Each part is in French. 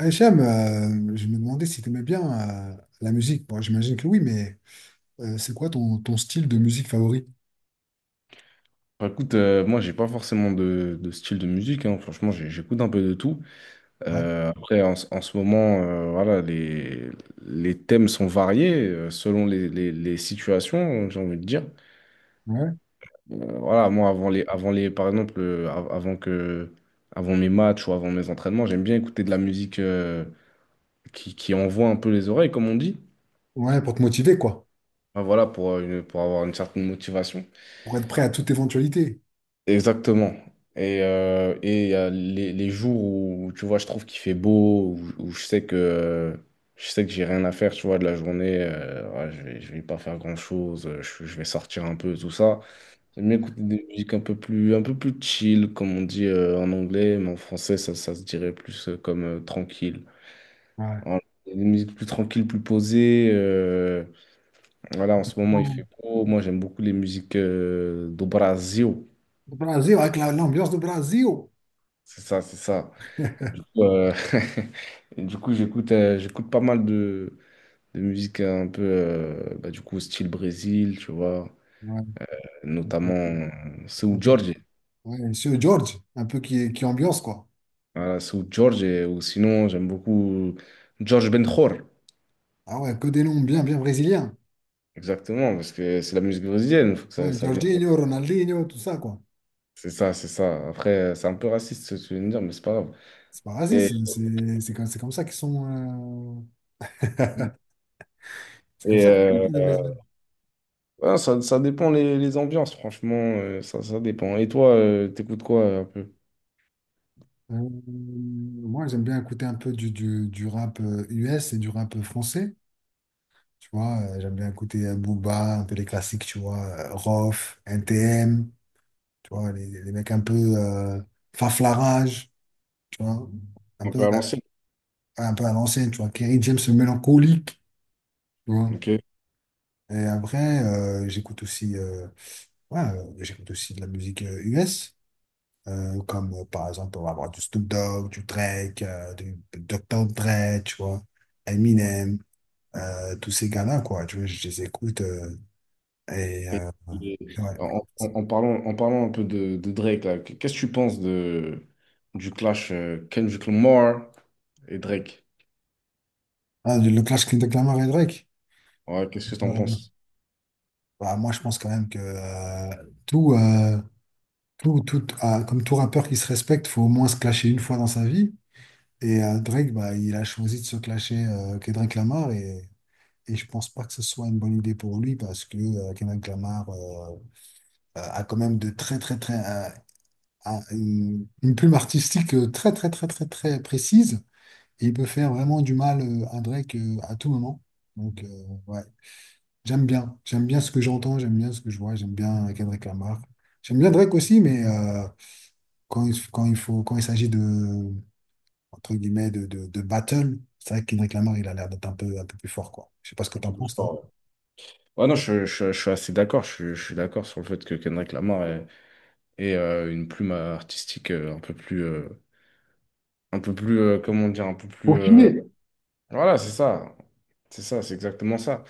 Hicham, je me demandais si tu aimais bien euh, la musique. Bon, j'imagine que oui, mais c'est quoi ton style de musique favori? Moi, j'ai pas forcément de style de musique, hein. Franchement, j'écoute un peu de tout. Ouais, Après, en ce moment, voilà, les thèmes sont variés selon les situations, j'ai envie de dire. ouais, Voilà, moi, avant les, par exemple, avant avant mes matchs ou avant mes entraînements, j'aime bien écouter de la musique qui envoie un peu les oreilles, comme on dit. ouais, pour te motiver, quoi. Bah, voilà, pour avoir une certaine motivation. Pour être prêt à toute éventualité. Exactement. Et il y a les jours où, tu vois, je trouve qu'il fait beau, où je sais que je sais que j'ai rien à faire, tu vois, de la journée, ouais, je vais pas faire grand-chose, euh, je vais sortir un peu, tout ça. J'aime bien écouter des musiques un peu plus chill, comme on dit, en anglais, mais en français, ça se dirait plus comme tranquille. Ouais. Voilà. Des musiques plus tranquilles, plus posées. Voilà, en ce moment, il Bon, fait beau. Moi, j'aime beaucoup les musiques do Brasil. le Brésil, avec l'ambiance de Brésil. C'est ça, c'est ça. Et du coup, et du coup, j'écoute pas mal de musique un peu, du coup, style Brésil, tu vois, Ouais, un notamment peu, Seu un peu- Jorge. ouais, Monsieur George, un peu qui ambiance, quoi. Voilà, Seu Jorge, ou sinon, j'aime beaucoup Jorge Benjor, Ah ouais, que des noms bien, bien brésiliens. exactement, parce que c'est la musique brésilienne, faut que Ouais, ça vienne. Jorginho, Ronaldinho, tout ça, quoi. C'est ça, c'est ça. Après, c'est un peu raciste ce que tu viens de dire, mais c'est pas grave. C'est pas Et, raciste, hein, c'est comme, c'est comme ça qu'ils sont. C'est comme et, ça qu'on dit. euh, ouais, ça dépend les ambiances, franchement, euh, ça dépend. Et toi, t'écoutes quoi un peu? Euh, Moi, j'aime bien écouter un peu du rap US et du rap français. Tu vois, j'aime bien écouter Booba, un peu les classiques, tu vois, Rof, NTM, tu vois, les mecs un peu Faflarage, tu vois, un Un peu, peu à l'ancienne. Un peu à l'ancienne, tu vois, Kerry James le mélancolique, tu vois. Ok. Et après, j'écoute aussi, ouais, j'écoute aussi de la musique US, comme par exemple, on va avoir du Snoop Dogg, du Drake, du Dr. Dre, tu vois. Eminem, tous ces gars-là, quoi. Tu vois, je les écoute. Et Et, euh, et ouais. En parlant un peu de Drake, là, qu'est-ce que tu penses de, du clash Kendrick Lamar et Drake? Ah, le clash de Clamart et Drake. Ouais, qu'est-ce que tu en Euh, penses? Bah, moi, je pense quand même que tout, euh, comme tout rappeur qui se respecte, faut au moins se clasher une fois dans sa vie. Et Drake, bah, il a choisi de se clasher Kendrick Lamar et je pense pas que ce soit une bonne idée pour lui parce que Kendrick Lamar a quand même de très, très, très, a une plume artistique très, très, très, très, très précise. Et il peut faire vraiment du mal à Drake à tout moment. Donc, ouais, j'aime bien. J'aime bien ce que j'entends, j'aime bien ce que je vois, j'aime bien Kendrick Lamar. J'aime bien Drake aussi, mais quand il faut, quand il s'agit de, entre guillemets, de battle, c'est vrai que Kendrick Lamar, il a l'air d'être un peu plus fort, quoi. Je sais pas ce que Un t'en peu plus penses, fort, toi. ouais. Ouais, non, je suis assez d'accord. Je suis d'accord sur le fait que Kendrick Lamar est, une plume artistique comment dire, un peu plus. Pour finir. Voilà, c'est ça. C'est ça, c'est exactement ça.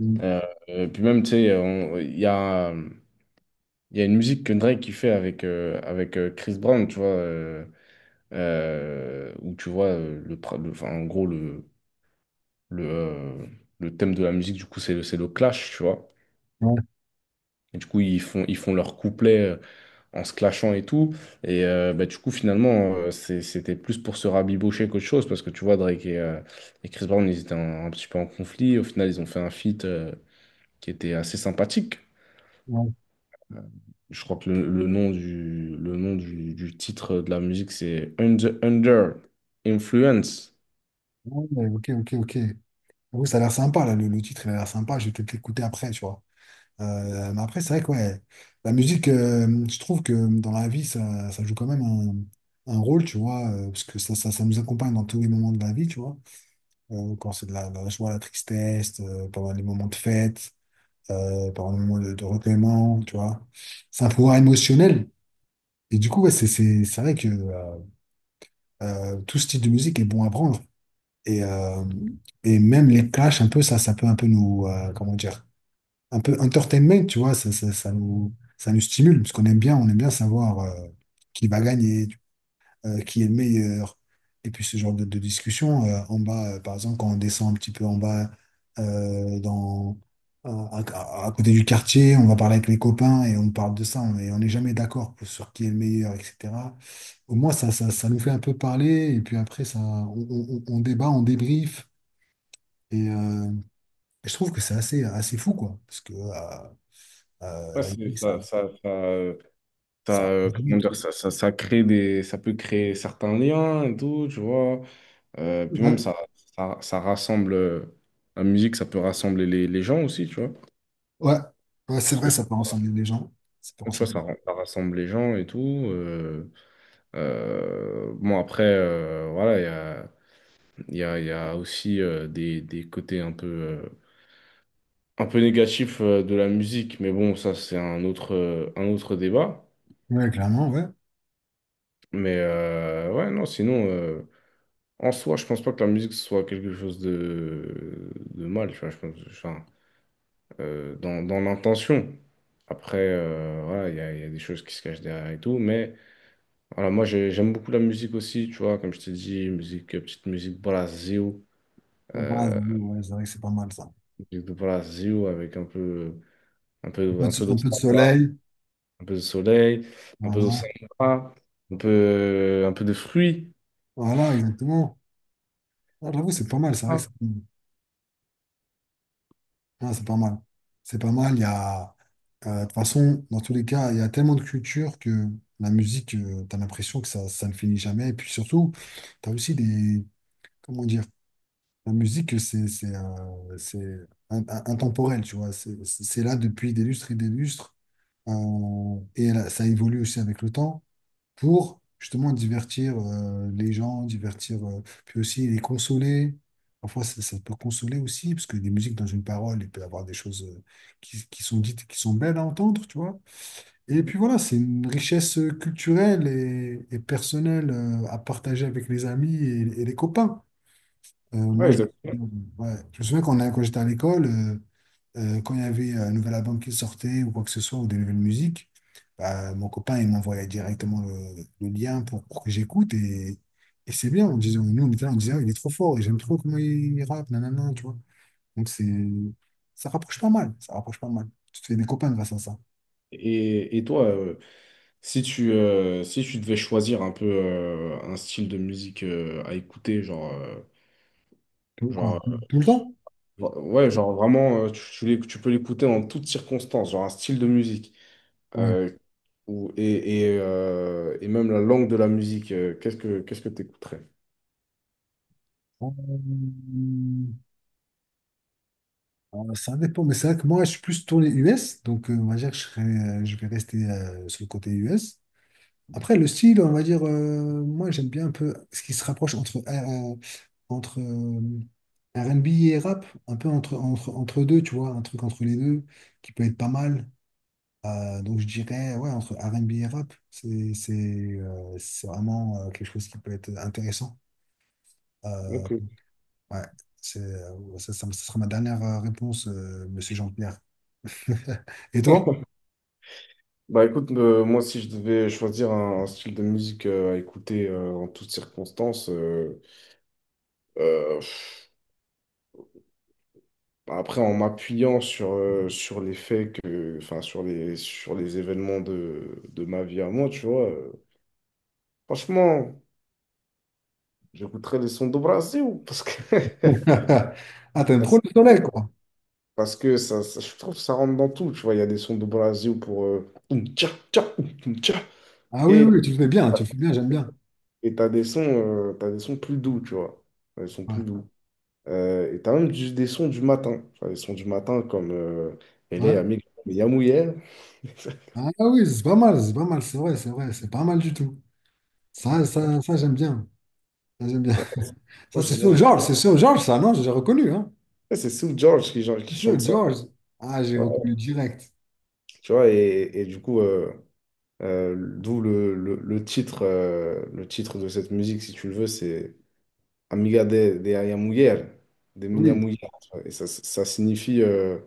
Mm. Euh, Puis même, tu sais, il y a. Il y a une musique que Drake qui fait avec, avec Chris Brown, tu vois, où tu vois, enfin, en gros, le, euh, le thème de la musique, du coup, c'est c'est le clash, tu vois. Ouais, Et du coup, ils font leur couplet en se clashant et tout. Et bah, du coup, finalement, c'était plus pour se rabibocher qu'autre chose, parce que tu vois, Drake et Chris Brown, ils étaient un petit peu en conflit. Au final, ils ont fait un feat qui était assez sympathique. ouais, Je crois que le nom du titre de la musique, c'est Under, Under Influence. ouais, ok, ok, ok. J'avoue, ça a l'air sympa, là, le titre, il a l'air sympa. Je vais peut-être l'écouter après, tu vois. Mais après, c'est vrai que ouais, la musique, je trouve que dans la vie, ça joue quand même un rôle, tu vois, parce que ça nous accompagne dans tous les moments de la vie, tu vois. Quand c'est de la joie, la tristesse, pendant les moments de fête, pendant les moments de recueillement, tu vois. C'est un pouvoir émotionnel. Et du coup, ouais, c'est vrai que tout style de musique est bon à prendre. Et, euh, et même les clashs, un peu, ça peut un peu nous, comment dire, un peu entertainment, tu vois, ça nous stimule, parce qu'on aime bien, on aime bien savoir qui va gagner, qui est le meilleur. Et puis ce genre de discussion, en bas, par exemple, quand on descend un petit peu en bas, euh, dans, à, à côté du quartier, on va parler avec les copains et on parle de ça, et on n'est jamais d'accord sur qui est le meilleur, etc. Au moins, ça nous fait un peu parler, et puis après, on débat, on débriefe. Et euh, je trouve que c'est assez, assez fou, quoi. Parce que, Ouais, la musique, ça, ça comment réunit. dire, ça crée des, ça peut créer certains liens et tout, tu vois. Ouais, Puis même, hein. ça rassemble, la musique, ça peut rassembler les gens aussi, tu vois. Ouais, ouais, c'est Parce que vrai, ça peut rassembler les gens. Ça peut tu vois, rassembler. Ça rassemble les gens et tout. euh, bon, après, voilà, il y a aussi des côtés un peu. Un peu négatif de la musique, mais bon, ça c'est un autre débat. Ouais, clairement, ouais. Mais ouais, non, sinon, en soi, je pense pas que la musique soit quelque chose de mal, tu vois, je pense, enfin, dans l'intention. Après, voilà, il y a des choses qui se cachent derrière et tout, mais voilà, j'aime beaucoup la musique aussi, tu vois, comme je t'ai dit, musique, petite musique brasil, Ouais, bah, euh, oui, ouais, c'est vrai que c'est pas mal ça. musique de Brasil avec un peu de Un peu de samba. soleil, Un peu de soleil, un peu voilà. d'océan, un peu de fruits. Voilà, exactement. Ah, j'avoue, c'est pas mal, c'est vrai que Ah, c'est pas mal. C'est pas mal, il y a. De toute façon, dans tous les cas, il y a tellement de culture que la musique, tu as l'impression que ça ne finit jamais. Et puis surtout, tu as aussi des. Comment dire? La musique, c'est intemporel, tu vois. C'est là depuis des lustres et des lustres. Et là, ça évolue aussi avec le temps pour justement divertir les gens, divertir, puis aussi les consoler. Parfois, ça peut consoler aussi, parce que des musiques dans une parole, il peut y avoir des choses qui sont dites, et qui sont belles à entendre, tu vois. Et puis voilà, c'est une richesse culturelle et personnelle à partager avec les amis et les copains. Euh, ouais, moi, je, exactement. ouais. Je me souviens quand j'étais à l'école, quand il y avait un nouvel album qui sortait ou quoi que ce soit, ou des nouvelles musiques, bah, mon copain, il m'envoyait directement le lien pour que j'écoute. Et c'est bien, on disait, nous, on était là, on disait: Ah, il est trop fort, et j'aime trop comment il rappe, nanana, tu vois. Donc, ça rapproche pas mal, ça rapproche pas mal. Tu te fais des copains grâce à ça. Et toi, si tu devais choisir un peu un style de musique à écouter, Tout, quoi, tout, genre, tout le temps? Ouais, genre vraiment, tu tu peux l'écouter en toutes circonstances, genre un style de musique, Ouais. euh, et même la langue de la musique, qu'est-ce que tu écouterais? Euh, Alors, ça dépend, mais c'est vrai que moi, je suis plus tourné US, donc on va dire que je vais rester sur le côté US. Après, le style, on va dire, moi, j'aime bien un peu ce qui se rapproche entre R&B et rap, un peu entre deux, tu vois, un truc entre les deux qui peut être pas mal. Donc, je dirais, ouais, entre R&B et rap, c'est vraiment quelque chose qui peut être intéressant. Euh, ouais, ça sera ma dernière réponse, Monsieur Jean-Pierre. Et toi? Bah écoute, moi si je devais choisir un style de musique à écouter en toutes circonstances, pff, après en m'appuyant sur, sur les faits que, enfin sur les événements de ma vie à moi, tu vois, franchement, j'écouterais les sons do Brasil parce que Ah, t'aimes parce trop que le soleil, quoi. parce que je trouve que ça rentre dans tout, tu vois, il y a des sons do Brasil pour oum, tcha, tcha, oum, oum, tcha. Ah oui, et oui, tu le fais bien, tu le fais bien, j'aime bien. et t'as des sons plus doux, tu vois, des sons Ouais. plus doux. Et t'as même des sons du matin. Enfin, des sons du matin comme Ouais. LA Amig, Yamouye. Ah oui, c'est pas mal, c'est pas mal, c'est vrai, c'est vrai, c'est pas mal du tout. J'aime bien. Ça, j'aime bien. Ça, Moi, j'aime bien. c'est sur George, ça, non? J'ai reconnu, hein? Ouais, c'est Sue George qui, genre, qui Sur chante ça. George. Ah, j'ai Ouais. reconnu direct. Tu vois, et du coup, d'où le titre de cette musique, si tu le veux, c'est Amiga de Aya Mujer, de Minha Oui. Mujer. Et ça signifie,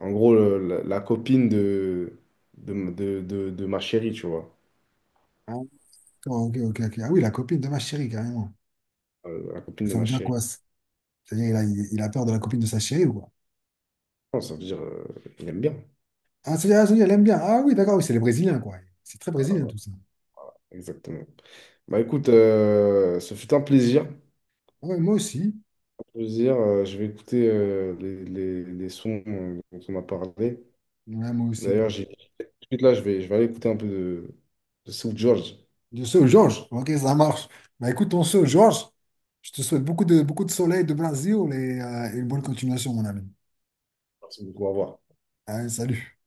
en gros, la copine de ma chérie, tu vois. Ah, d'accord, ok, ok, ok. Ah oui, la copine de ma chérie, carrément. La copine de Ça veut ma dire chérie. quoi? Ça C'est-à-dire, il a peur de la copine de sa chérie ou quoi? Non, ça veut dire, il aime bien. Ah, c'est-à-dire, elle aime bien. Ah oui, d'accord, oui, c'est les Brésiliens, quoi. C'est très brésilien, tout ça. Exactement. Bah écoute, ce fut un plaisir. Ah ouais, moi aussi. Plaisir. Je vais écouter les sons dont on a parlé. Ouais, moi aussi. D'ailleurs, j'ai tout de suite là, je vais aller écouter un peu de South George. De ce Georges. Ok, ça marche. Bah écoute, on se Georges. Je te souhaite beaucoup de soleil de Brésil et une bonne continuation, mon ami. Merci beaucoup, au revoir. Allez, salut.